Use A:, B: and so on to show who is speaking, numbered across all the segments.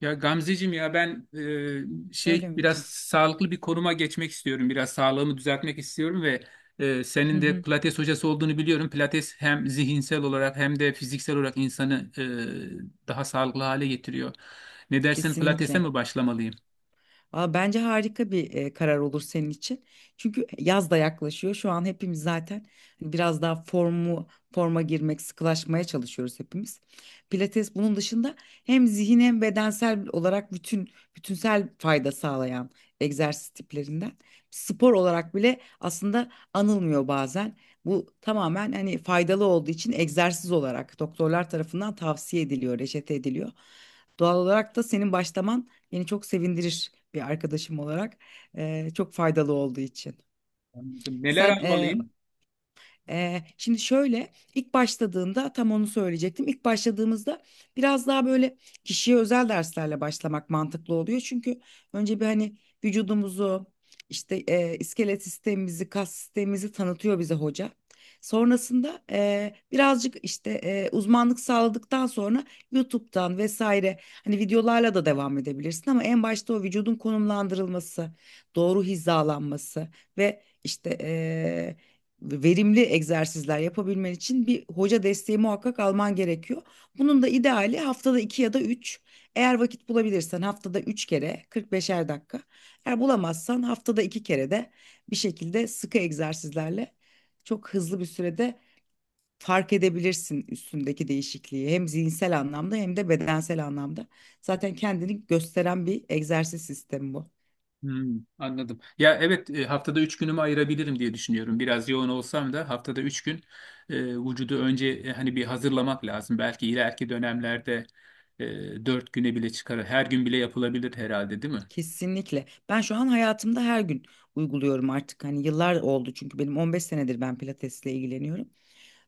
A: Ya Gamzeciğim ya ben
B: Söyle
A: şey biraz
B: Ümit'ciğim.
A: sağlıklı bir konuma geçmek istiyorum. Biraz sağlığımı düzeltmek istiyorum ve
B: Hı
A: senin de
B: hı.
A: Pilates hocası olduğunu biliyorum. Pilates hem zihinsel olarak hem de fiziksel olarak insanı daha sağlıklı hale getiriyor. Ne dersin, Pilates'e
B: Kesinlikle.
A: mi başlamalıyım?
B: Valla bence harika bir karar olur senin için. Çünkü yaz da yaklaşıyor. Şu an hepimiz zaten hani biraz daha forma girmek, sıkılaşmaya çalışıyoruz hepimiz. Pilates bunun dışında hem zihin hem bedensel olarak bütünsel fayda sağlayan egzersiz tiplerinden. Spor olarak bile aslında anılmıyor bazen. Bu tamamen hani faydalı olduğu için egzersiz olarak doktorlar tarafından tavsiye ediliyor, reçete ediliyor. Doğal olarak da senin başlaman beni çok sevindirir bir arkadaşım olarak. Çok faydalı olduğu için.
A: Anladım. Neler
B: Sen
A: almalıyım?
B: şimdi şöyle ilk başladığında tam onu söyleyecektim. İlk başladığımızda biraz daha böyle kişiye özel derslerle başlamak mantıklı oluyor. Çünkü önce bir hani vücudumuzu işte iskelet sistemimizi, kas sistemimizi tanıtıyor bize hoca. Sonrasında birazcık işte uzmanlık sağladıktan sonra YouTube'dan vesaire hani videolarla da devam edebilirsin ama en başta o vücudun konumlandırılması, doğru hizalanması ve işte verimli egzersizler yapabilmen için bir hoca desteği muhakkak alman gerekiyor. Bunun da ideali haftada iki ya da üç. Eğer vakit bulabilirsen haftada üç kere 45'er dakika. Eğer bulamazsan haftada iki kere de bir şekilde sıkı egzersizlerle çok hızlı bir sürede fark edebilirsin üstündeki değişikliği. Hem zihinsel anlamda hem de bedensel anlamda. Zaten kendini gösteren bir egzersiz sistemi bu.
A: Hmm, anladım. Ya evet, haftada 3 günümü ayırabilirim diye düşünüyorum. Biraz yoğun olsam da haftada 3 gün vücudu önce hani bir hazırlamak lazım. Belki ileriki dönemlerde 4 güne bile çıkar. Her gün bile yapılabilir herhalde, değil mi?
B: Kesinlikle. Ben şu an hayatımda her gün uyguluyorum artık. Hani yıllar oldu çünkü benim 15 senedir ben pilatesle ilgileniyorum.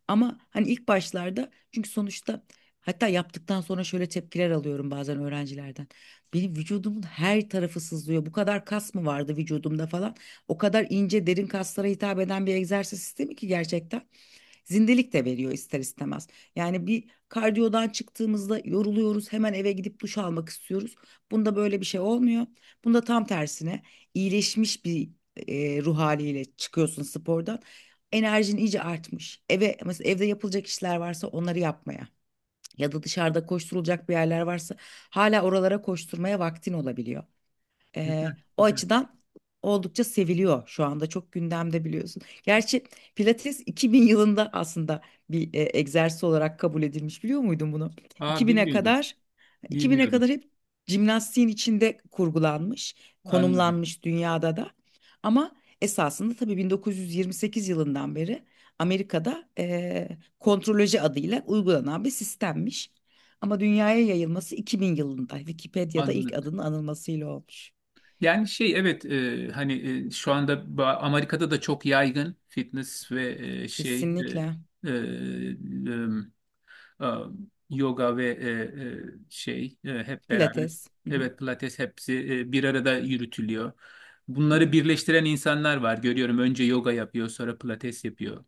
B: Ama hani ilk başlarda çünkü sonuçta hatta yaptıktan sonra şöyle tepkiler alıyorum bazen öğrencilerden. Benim vücudumun her tarafı sızlıyor. Bu kadar kas mı vardı vücudumda falan? O kadar ince derin kaslara hitap eden bir egzersiz sistemi ki gerçekten. Zindelik de veriyor ister istemez. Yani bir kardiyodan çıktığımızda yoruluyoruz, hemen eve gidip duş almak istiyoruz. Bunda böyle bir şey olmuyor. Bunda tam tersine iyileşmiş bir ruh haliyle çıkıyorsun spordan. Enerjin iyice artmış. Eve mesela evde yapılacak işler varsa onları yapmaya ya da dışarıda koşturulacak bir yerler varsa hala oralara koşturmaya vaktin olabiliyor.
A: Güzel,
B: O
A: güzel.
B: açıdan oldukça seviliyor şu anda, çok gündemde biliyorsun. Gerçi Pilates 2000 yılında aslında bir egzersiz olarak kabul edilmiş, biliyor muydun bunu?
A: Aa,
B: 2000'e
A: bilmiyordum.
B: kadar, 2000'e
A: Bilmiyordum.
B: kadar hep jimnastiğin içinde kurgulanmış,
A: Anladım.
B: konumlanmış dünyada da. Ama esasında tabii 1928 yılından beri Amerika'da kontroloji adıyla uygulanan bir sistemmiş. Ama dünyaya yayılması 2000 yılında Wikipedia'da ilk
A: Anladım.
B: adının anılmasıyla olmuş.
A: Yani şey evet, hani şu anda Amerika'da da çok yaygın fitness ve e, şey
B: Kesinlikle.
A: e, e, e, e, yoga ve hep beraber.
B: Pilates. Hı hı.
A: Evet, pilates hepsi bir arada yürütülüyor.
B: Hı
A: Bunları
B: hı.
A: birleştiren insanlar var. Görüyorum, önce yoga yapıyor, sonra pilates yapıyor.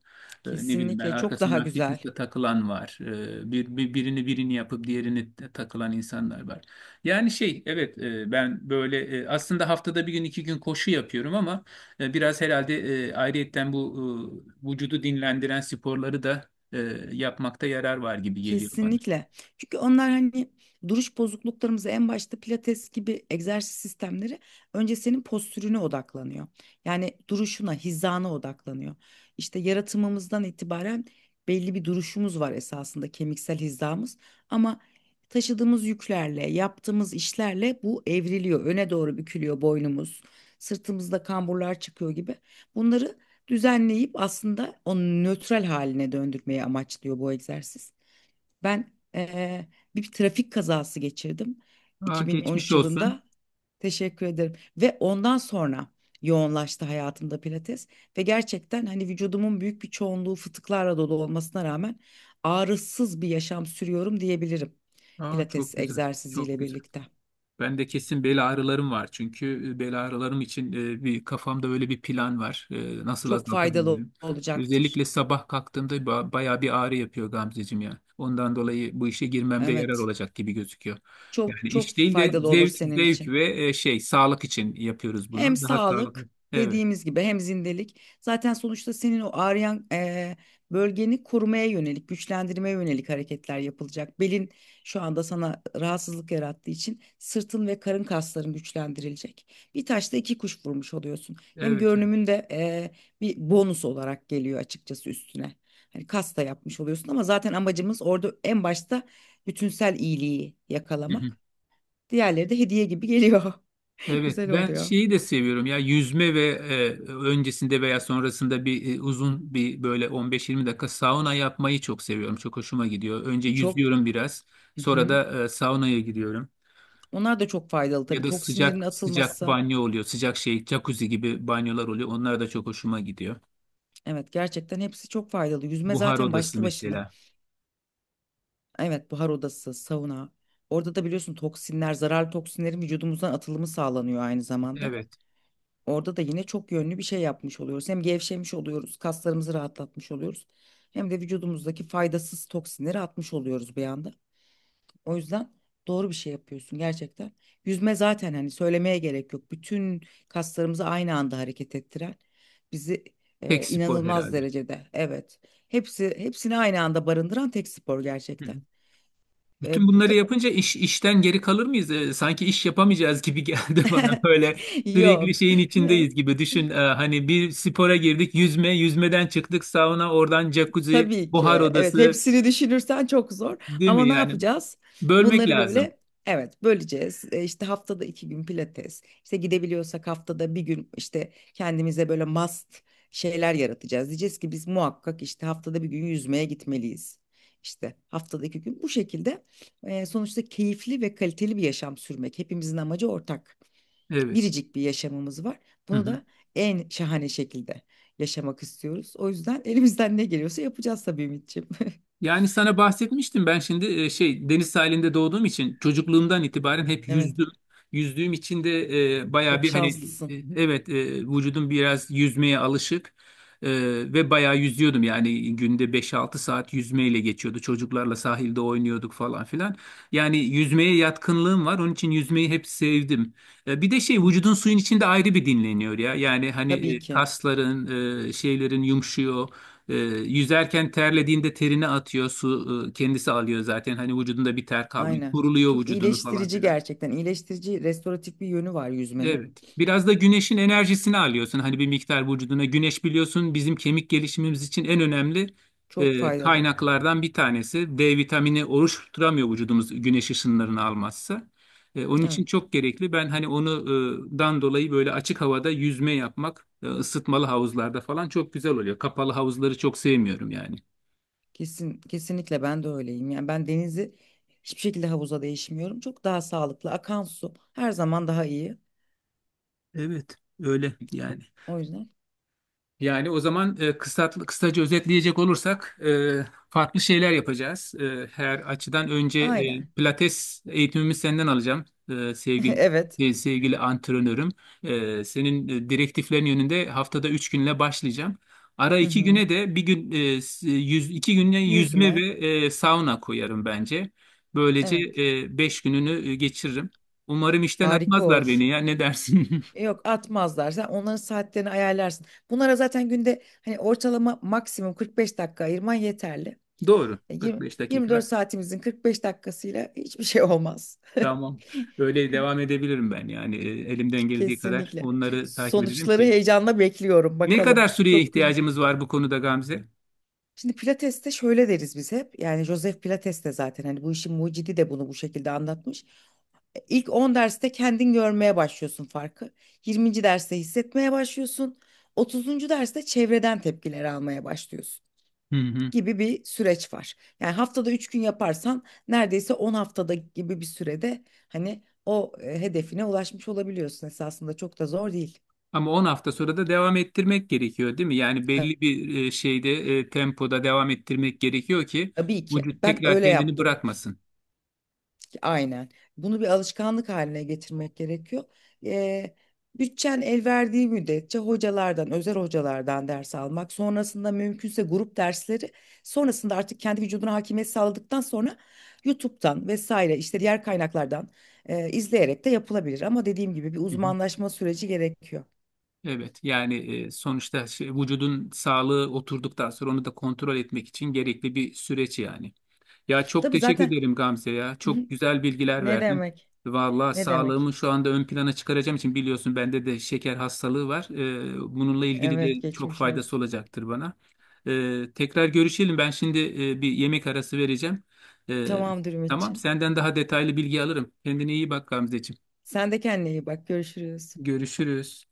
A: Ne bileyim, ben
B: Kesinlikle çok daha
A: arkasından
B: güzel.
A: fitness'e takılan var. Birini yapıp diğerini de takılan insanlar var. Yani şey evet, ben böyle aslında haftada 1 gün 2 gün koşu yapıyorum ama biraz herhalde ayrıyetten bu vücudu dinlendiren sporları da e, yapmakta yarar var gibi geliyor bana.
B: Kesinlikle. Çünkü onlar hani duruş bozukluklarımızı en başta, pilates gibi egzersiz sistemleri önce senin postürüne odaklanıyor. Yani duruşuna, hizana odaklanıyor. İşte yaratımımızdan itibaren belli bir duruşumuz var esasında, kemiksel hizamız, ama taşıdığımız yüklerle, yaptığımız işlerle bu evriliyor. Öne doğru bükülüyor boynumuz. Sırtımızda kamburlar çıkıyor gibi. Bunları düzenleyip aslında onu nötral haline döndürmeyi amaçlıyor bu egzersiz. Ben bir trafik kazası geçirdim
A: Aa, geçmiş
B: 2013
A: olsun.
B: yılında. Teşekkür ederim. Ve ondan sonra yoğunlaştı hayatımda pilates. Ve gerçekten hani vücudumun büyük bir çoğunluğu fıtıklarla dolu olmasına rağmen ağrısız bir yaşam sürüyorum diyebilirim.
A: Aa, çok
B: Pilates
A: güzel. Çok
B: egzersiziyle
A: güzel.
B: birlikte.
A: Ben de kesin bel ağrılarım var. Çünkü bel ağrılarım için bir kafamda öyle bir plan var. Nasıl
B: Çok faydalı
A: azaltabilirim? Özellikle
B: olacaktır.
A: sabah kalktığımda bayağı bir ağrı yapıyor Gamzeciğim ya. Ondan dolayı bu işe girmemde yarar
B: Evet.
A: olacak gibi gözüküyor.
B: Çok
A: Yani
B: çok
A: iş değil de
B: faydalı olur
A: zevk,
B: senin
A: zevk
B: için.
A: ve şey sağlık için yapıyoruz
B: Hem
A: bunu. Daha sağlıklı.
B: sağlık,
A: Evet,
B: dediğimiz gibi, hem zindelik. Zaten sonuçta senin o ağrıyan bölgeni korumaya yönelik, güçlendirmeye yönelik hareketler yapılacak. Belin şu anda sana rahatsızlık yarattığı için sırtın ve karın kasların güçlendirilecek. Bir taşla iki kuş vurmuş oluyorsun. Hem
A: evet.
B: görünümün de bir bonus olarak geliyor açıkçası üstüne. Hani kas da yapmış oluyorsun ama zaten amacımız orada en başta bütünsel iyiliği
A: Evet.
B: yakalamak. Diğerleri de hediye gibi geliyor.
A: Evet,
B: Güzel
A: ben
B: oluyor.
A: şeyi de seviyorum ya, yüzme ve öncesinde veya sonrasında bir uzun bir böyle 15-20 dakika sauna yapmayı çok seviyorum. Çok hoşuma gidiyor. Önce
B: Çok
A: yüzüyorum biraz,
B: Hı
A: sonra
B: hı.
A: da saunaya gidiyorum.
B: Onlar da çok faydalı
A: Ya
B: tabii,
A: da
B: toksinlerin
A: sıcak sıcak
B: atılması.
A: banyo oluyor. Sıcak şey jacuzzi gibi banyolar oluyor. Onlar da çok hoşuma gidiyor.
B: Evet, gerçekten hepsi çok faydalı. Yüzme
A: Buhar
B: zaten
A: odası
B: başlı başına.
A: mesela.
B: Evet, buhar odası, sauna. Orada da biliyorsun toksinler, zararlı toksinlerin vücudumuzdan atılımı sağlanıyor aynı zamanda.
A: Evet,
B: Orada da yine çok yönlü bir şey yapmış oluyoruz. Hem gevşemiş oluyoruz, kaslarımızı rahatlatmış oluyoruz. Hem de vücudumuzdaki faydasız toksinleri atmış oluyoruz bir anda. O yüzden doğru bir şey yapıyorsun gerçekten. Yüzme zaten hani söylemeye gerek yok. Bütün kaslarımızı aynı anda hareket ettiren, bizi
A: tek spor
B: inanılmaz
A: herhalde.
B: derecede, evet. Hepsi hepsini aynı anda barındıran tek spor gerçekten.
A: Bütün
B: E, bu
A: bunları
B: da-
A: yapınca iş işten geri kalır mıyız? Sanki iş yapamayacağız gibi geldi bana. Böyle sürekli
B: yok.
A: şeyin içindeyiz gibi. Düşün, hani bir spora girdik, yüzme, yüzmeden çıktık sauna, oradan jacuzzi,
B: Tabii ki.
A: buhar
B: Evet,
A: odası,
B: hepsini düşünürsen çok zor.
A: değil
B: Ama
A: mi?
B: ne
A: Yani
B: yapacağız?
A: bölmek
B: Bunları
A: lazım.
B: böyle, evet, böleceğiz. İşte haftada iki gün pilates. İşte gidebiliyorsak haftada bir gün işte kendimize böyle must şeyler yaratacağız. Diyeceğiz ki biz muhakkak işte haftada bir gün yüzmeye gitmeliyiz. İşte haftada iki gün bu şekilde sonuçta keyifli ve kaliteli bir yaşam sürmek. Hepimizin amacı ortak,
A: Evet.
B: biricik bir yaşamımız var.
A: Hı
B: Bunu
A: hı.
B: da en şahane şekilde yaşamak istiyoruz. O yüzden elimizden ne geliyorsa yapacağız tabii Ümitciğim.
A: Yani sana bahsetmiştim, ben şimdi şey deniz sahilinde doğduğum için çocukluğumdan itibaren hep
B: Evet,
A: yüzdüm. Yüzdüğüm için de bayağı
B: çok
A: bir hani
B: şanslısın.
A: evet, vücudum biraz yüzmeye alışık. E, Ve bayağı yüzüyordum, yani günde 5 6 saat yüzmeyle geçiyordu. Çocuklarla sahilde oynuyorduk falan filan. Yani yüzmeye yatkınlığım var, onun için yüzmeyi hep sevdim. Bir de şey,
B: Hı hı.
A: vücudun suyun içinde ayrı bir dinleniyor ya. Yani hani
B: Tabii ki.
A: kasların şeylerin yumuşuyor. E, Yüzerken terlediğinde terini atıyor. Su kendisi alıyor zaten. Hani vücudunda bir ter kalmıyor.
B: Aynen.
A: Kuruluyor
B: Çok
A: vücudunu falan
B: iyileştirici
A: filan.
B: gerçekten. İyileştirici, restoratif bir yönü var yüzmenin.
A: Evet. Biraz da güneşin enerjisini alıyorsun. Hani bir miktar vücuduna. Güneş biliyorsun, bizim kemik gelişimimiz için en önemli
B: Çok faydalı.
A: kaynaklardan bir tanesi. D vitamini oluşturamıyor vücudumuz güneş ışınlarını almazsa. Onun
B: Evet,
A: için çok gerekli. Ben hani onu dan dolayı böyle açık havada yüzme yapmak, ısıtmalı havuzlarda falan çok güzel oluyor. Kapalı havuzları çok sevmiyorum yani.
B: kesinlikle ben de öyleyim. Yani ben denizi hiçbir şekilde havuza değişmiyorum. Çok daha sağlıklı. Akan su her zaman daha iyi.
A: Evet, öyle yani.
B: O yüzden.
A: Yani o zaman, kısaca özetleyecek olursak farklı şeyler yapacağız. Her açıdan önce
B: Aynen.
A: pilates eğitimimi senden alacağım e, sevgili
B: Evet.
A: sevgili antrenörüm. Senin direktiflerin yönünde haftada 3 günle başlayacağım. Ara
B: Hı
A: iki
B: hı.
A: güne de 1 gün 2 güne yüzme ve
B: Yüzme.
A: sauna koyarım bence. Böylece
B: Evet.
A: 5 gününü geçiririm. Umarım işten
B: Harika
A: atmazlar beni
B: olur.
A: ya, ne dersin?
B: Yok, atmazlar. Sen onların saatlerini ayarlarsın. Bunlara zaten günde hani ortalama maksimum 45 dakika ayırman yeterli.
A: Doğru.
B: 20,
A: 45
B: 24
A: dakika.
B: saatimizin 45 dakikasıyla hiçbir şey olmaz.
A: Tamam. Öyle devam edebilirim ben yani, elimden geldiği kadar
B: Kesinlikle.
A: onları takip edelim
B: Sonuçları
A: ki.
B: heyecanla bekliyorum.
A: Ne
B: Bakalım.
A: kadar süreye
B: Çok güzel.
A: ihtiyacımız var bu konuda Gamze?
B: Şimdi Pilates'te şöyle deriz biz hep. Yani Joseph Pilates de zaten hani bu işin mucidi de bunu bu şekilde anlatmış. İlk 10 derste kendin görmeye başlıyorsun farkı. 20. derste hissetmeye başlıyorsun. 30. derste çevreden tepkiler almaya başlıyorsun
A: Hı hı.
B: gibi bir süreç var. Yani haftada 3 gün yaparsan neredeyse 10 haftada gibi bir sürede hani o hedefine ulaşmış olabiliyorsun, esasında çok da zor değil.
A: Ama 10 hafta sonra da devam ettirmek gerekiyor değil mi? Yani belli bir şeyde tempoda devam ettirmek gerekiyor ki
B: Tabii ki.
A: vücut
B: Ben
A: tekrar
B: öyle
A: kendini
B: yaptım.
A: bırakmasın.
B: Aynen. Bunu bir alışkanlık haline getirmek gerekiyor. Eee Bütçen el verdiği müddetçe hocalardan, özel hocalardan ders almak, sonrasında mümkünse grup dersleri, sonrasında artık kendi vücuduna hakimiyet sağladıktan sonra YouTube'dan vesaire işte diğer kaynaklardan izleyerek de yapılabilir. Ama dediğim gibi bir
A: Hı hı.
B: uzmanlaşma süreci gerekiyor.
A: Evet yani, sonuçta şey, vücudun sağlığı oturduktan sonra onu da kontrol etmek için gerekli bir süreç yani. Ya çok
B: Tabii
A: teşekkür
B: zaten
A: ederim Gamze ya. Çok güzel bilgiler
B: ne
A: verdin.
B: demek?
A: Vallahi
B: Ne demek?
A: sağlığımı şu anda ön plana çıkaracağım için, biliyorsun bende de şeker hastalığı var. Bununla ilgili
B: Evet,
A: de çok
B: geçmiş
A: faydası
B: olsun.
A: olacaktır bana. Tekrar görüşelim. Ben şimdi bir yemek arası vereceğim. E,
B: Tamamdır
A: tamam,
B: Ümitçiğim.
A: senden daha detaylı bilgi alırım. Kendine iyi bak Gamzeciğim.
B: Sen de kendine iyi bak. Görüşürüz.
A: Görüşürüz.